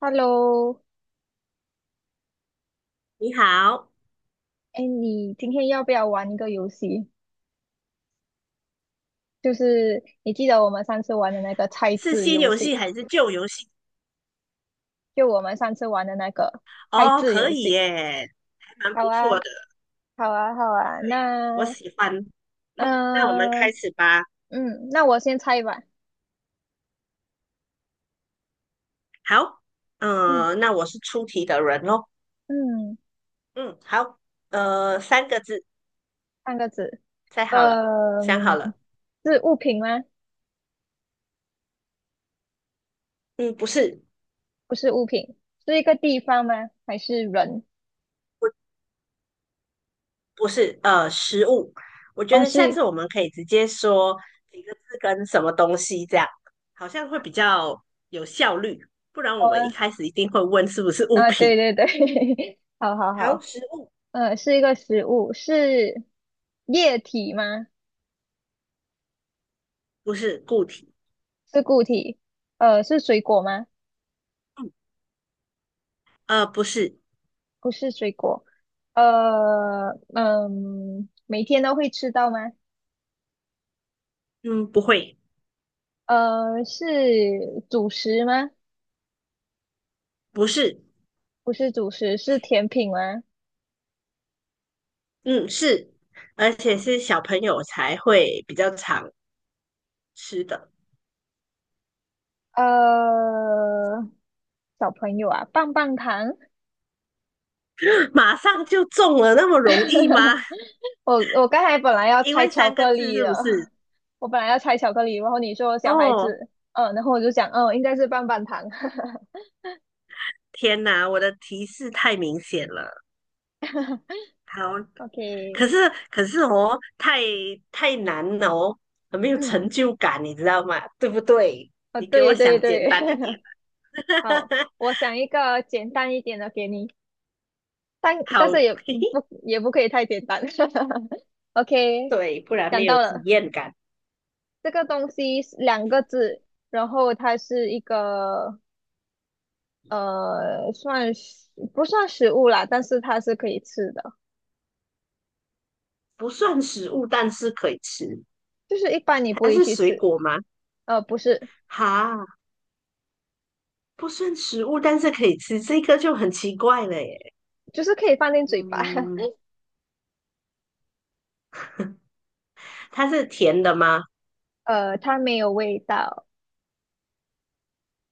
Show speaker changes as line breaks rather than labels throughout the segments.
Hello，
你好，
哎，你今天要不要玩一个游戏？就是你记得我们上次玩的那个猜
是
字
新
游
游戏
戏，
还是旧游戏？
就我们上次玩的那个猜
哦，
字
可
游
以
戏。
耶，还蛮
好
不错
啊，
的，
好啊，好啊。
对，我
那，
喜欢。嗯，那我们开
嗯，
始吧。
嗯，那我先猜吧。
好，
嗯
那我是出题的人咯。
嗯，
嗯，好，三个字，
三个字。
猜好了，
呃，
想好了。
是物品吗？
嗯，不是，
不是物品，是一个地方吗？还是人？
不，不是，食物。我觉
哦，
得下次
是，
我们可以直接说几个字跟什么东西，这样好像会比较有效率。不然我
好
们一
啊，
开始一定会问是不是物
啊，对
品。
对对，好好
好，
好。
食物。
是一个食物，是液体吗？
不是固体，
是固体？是水果吗？
嗯，不是，
不是水果。每天都会吃到吗？
嗯，不会，
是主食吗？
不是，
不是主食，是甜品吗？
嗯，是，而且是小朋友才会比较常吃的。
呃，小朋友啊，棒棒糖。
马上就中了，那么容易吗？
我刚才本来要
因
猜
为
巧
三个
克
字
力
是不
的，
是？
我本来要猜巧克力，然后你说小孩
哦，
子，然后我就想，应该是棒棒糖。
天哪，我的提示太明显了。好，
OK，
可是哦，太难了哦，很没 有
嗯，
成就感，你知道吗？对不对？
哦，
你给我
对对
想简
对，
单一点。
好，我想一个简单一点的给你，但但
好，
是也
嘿嘿，
不也不可以太简单。OK，
对，不然
想
没
到
有体
了，
验感。
这个东西是两个字，然后它是一个算是不算食物啦，但是它是可以吃的，
不算食物，但是可以吃。
就是一般你不
它
会
是
去
水
吃，
果吗？
不是，
哈，不算食物，但是可以吃，这个就很奇怪了耶。
就是可以放进嘴巴，
嗯，它是甜的吗？
它没有味道，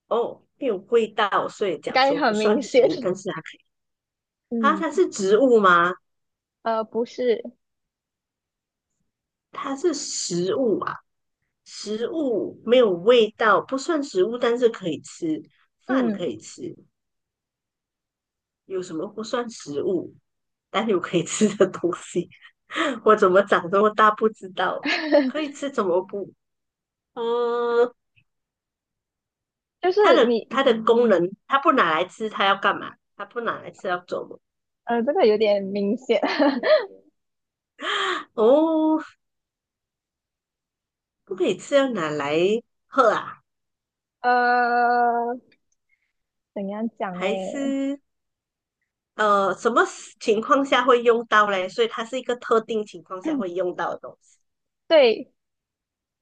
哦，没有味道，所以
应
讲
该
说
很
不
明
算食
显，
物，但是它可以。啊，
嗯，
它是植物吗？
不是。
它是食物啊，食物没有味道，不算食物，但是可以吃，饭可
嗯，
以吃。有什么不算食物？但有可以吃的东西。我怎么长这么大不知道，可以 吃怎么不？嗯，
就
它
是
的
你
它的功能，它不拿来吃，它要干嘛？它不拿来吃要做么？
这个有点明显，
哦，不可以吃要拿来喝啊？
呃，怎样讲
还
嘞？
是什么情况下会用到嘞？所以它是一个特定情况下会用到的东西，
对，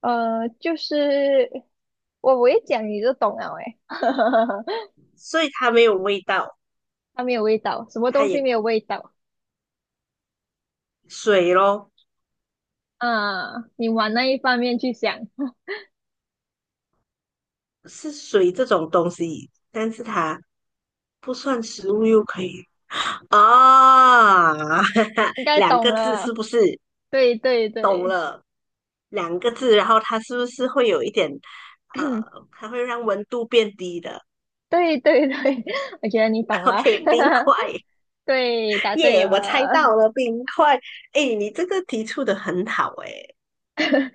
就是我一讲你就懂了诶，
所以它没有味道，
它没有味道，什么
它
东西
也
没有味道
水咯，
啊？你往那一方面去想，
是水这种东西，但是它不算食物又可以啊。
应该
两
懂
个字是
了。
不是？
对对
懂
对，
了，两个字，然后它是不是会有一点，呃，它会让温度变低的。
对对对，我觉得你懂 了，
？OK，冰块，
对，答对
耶、我猜
了。
到了冰块。哎，你这个提出的很好，哎，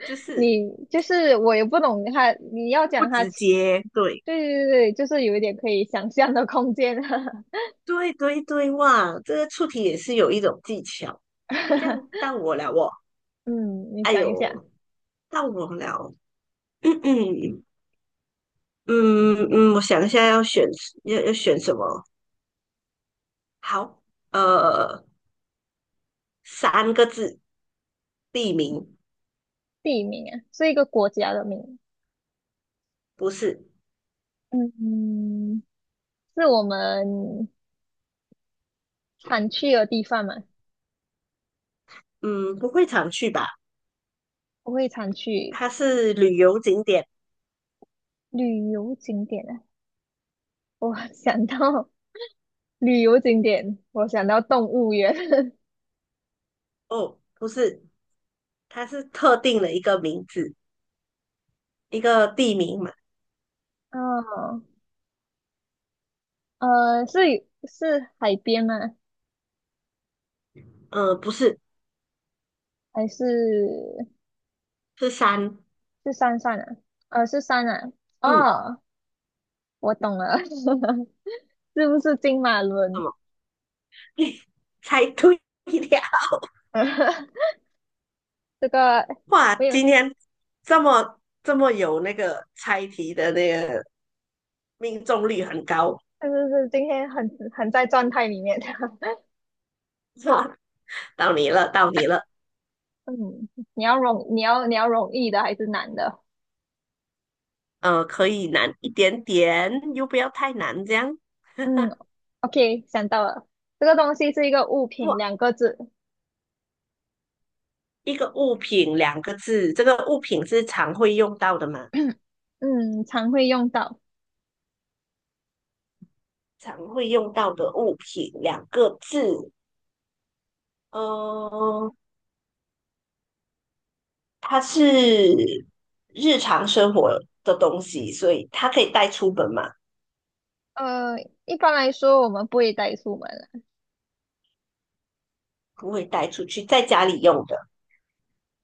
就是
你就是我也不懂他，你要
不
讲他
直接，对，
对对对，就是有一点可以想象的空间。
对对对，哇，这个出题也是有一种技巧。这样 到我了，我，
嗯，你
哎
想一下。
呦，到我了。嗯嗯。嗯嗯，我想一下要选要选什么？好，呃，三个字，地名。
地名啊，是一个国家的名？
不是，
嗯，是我们常去的地方嘛？
嗯，不会常去吧？
不会常去。
它是旅游景点。
旅游景点啊。我想到旅游景点，我想到动物园。
哦，不是，它是特定的一个名字，一个地名嘛。
哦，呃，是是海边吗？
不是，
还是
是山，
是山上啊？是山啊。
嗯，
哦，我懂了，是不是金马
什
仑？
么？猜对了，
这个
哇，
没有，
今
就
天这么这么有那个猜题的那个命中率很高。
是今天很在状态里面。
哇，到你了，到你了。
嗯，你要容易的还是难的？
可以难一点点，又不要太难，这样。
嗯，OK，想到了，这个东西是一个物
不，
品，两个字。
一个物品两个字，这个物品是常会用到的嘛？
嗯，常会用到。
常会用到的物品两个字，呃，它是日常生活的东西，所以它可以带出门嘛？
呃，一般来说我们不会带出门了，
不会带出去，在家里用的。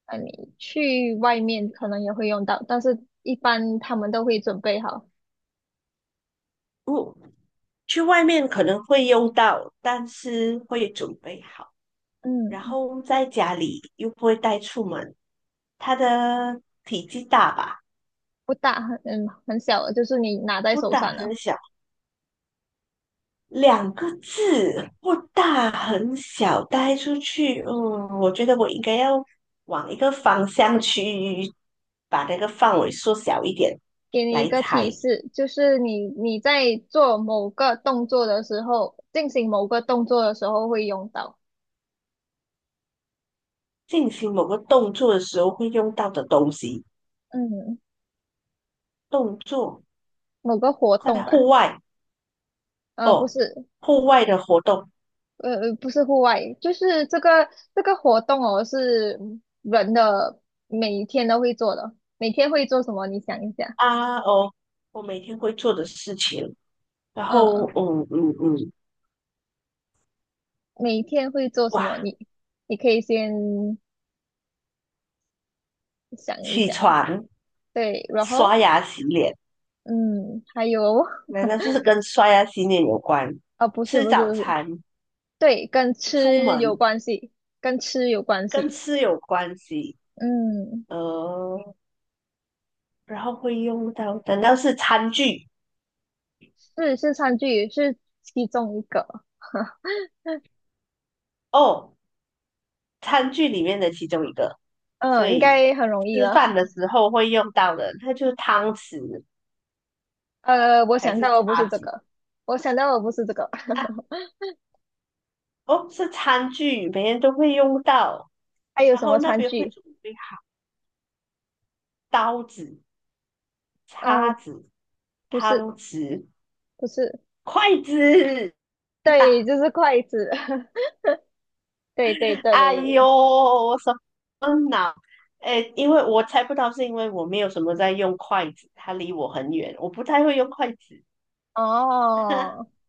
你去外面可能也会用到，但是一般他们都会准备好。
嗯，去外面可能会用到，但是会准备好。然
嗯，
后在家里又不会带出门，它的体积大吧？
不大，很小的，就是你拿在
不
手
大
上的。
很小，两个字，不大很小，带出去，嗯，我觉得我应该要往一个方向去，把那个范围缩小一点
给你一
来
个
猜。
提示，就是你在做某个动作的时候，进行某个动作的时候会用到，
进行某个动作的时候会用到的东西，
嗯，
动作
某个活动
在
吧，
户外
不
哦，
是，
户外的活动，
不是户外，就是这个活动哦，是人的每天都会做的，每天会做什么？你想一下。
啊哦，我每天会做的事情。然后
嗯，
嗯嗯嗯，
每天会做什么？
哇，
你可以先想一
起
想，
床、
对，然
刷
后，
牙、洗脸，
嗯，还有，
难道是跟刷牙洗脸有关？
啊、不是
吃
不是不
早
是，
餐、
对，跟
出
吃有
门，
关系，跟吃有关
跟
系。
吃有关系，
嗯，
呃，然后会用到，难道是餐具？
是餐具，是其中一个。
哦，餐具里面的其中一个，所
嗯，应
以
该很容易
吃
了。
饭的 时候会用到的，那就是汤匙
我
还
想
是
到的不
叉
是这
子
个，我想到的不是这个。
啊？哦，是餐具，每天都会用到，
还有
然
什
后
么
那
餐
边会
具？
准备刀子。
呃，
叉子、
不是，
汤匙、
不是，
筷子。
对，就是筷子。对对对，
哎呦，我手嗯呐，哎，因为我猜不到，是因为我没有什么在用筷子，它离我很远，我不太会用筷子。
哦，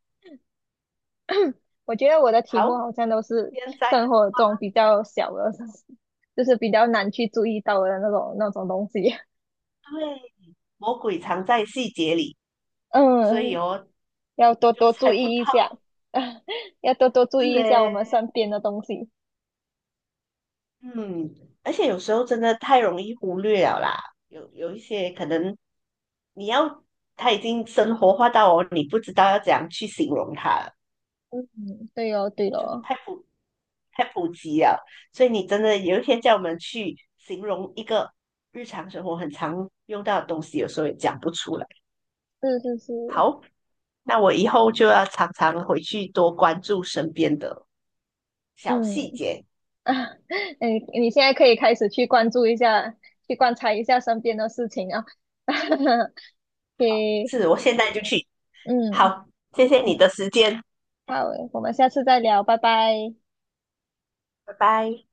我觉得我的题目
好，
好像都是
现在
生活中比较小的，就是比较难去注意到的那种东西。
对，魔鬼藏在细节里，所以
嗯，
哦，
要多
就
多注
猜不到，
意一下，要多多注
是
意一下我们
哎。
身边的东西。
嗯，而且有时候真的太容易忽略了啦，有一些可能你要它已经生活化到哦，你不知道要怎样去形容它了，
嗯，对哦，对
就
哦，
太普及了，所以你真的有一天叫我们去形容一个日常生活很常用到的东西，有时候也讲不出来。
是是是，
好，那我以后就要常常回去多关注身边的小细
嗯
节。
啊，你现在可以开始去关注一下，去观察一下身边的事情啊。给，
是，我现在就去。
嗯，
好，谢谢你的时间，
好，我们下次再聊，拜拜。
拜拜。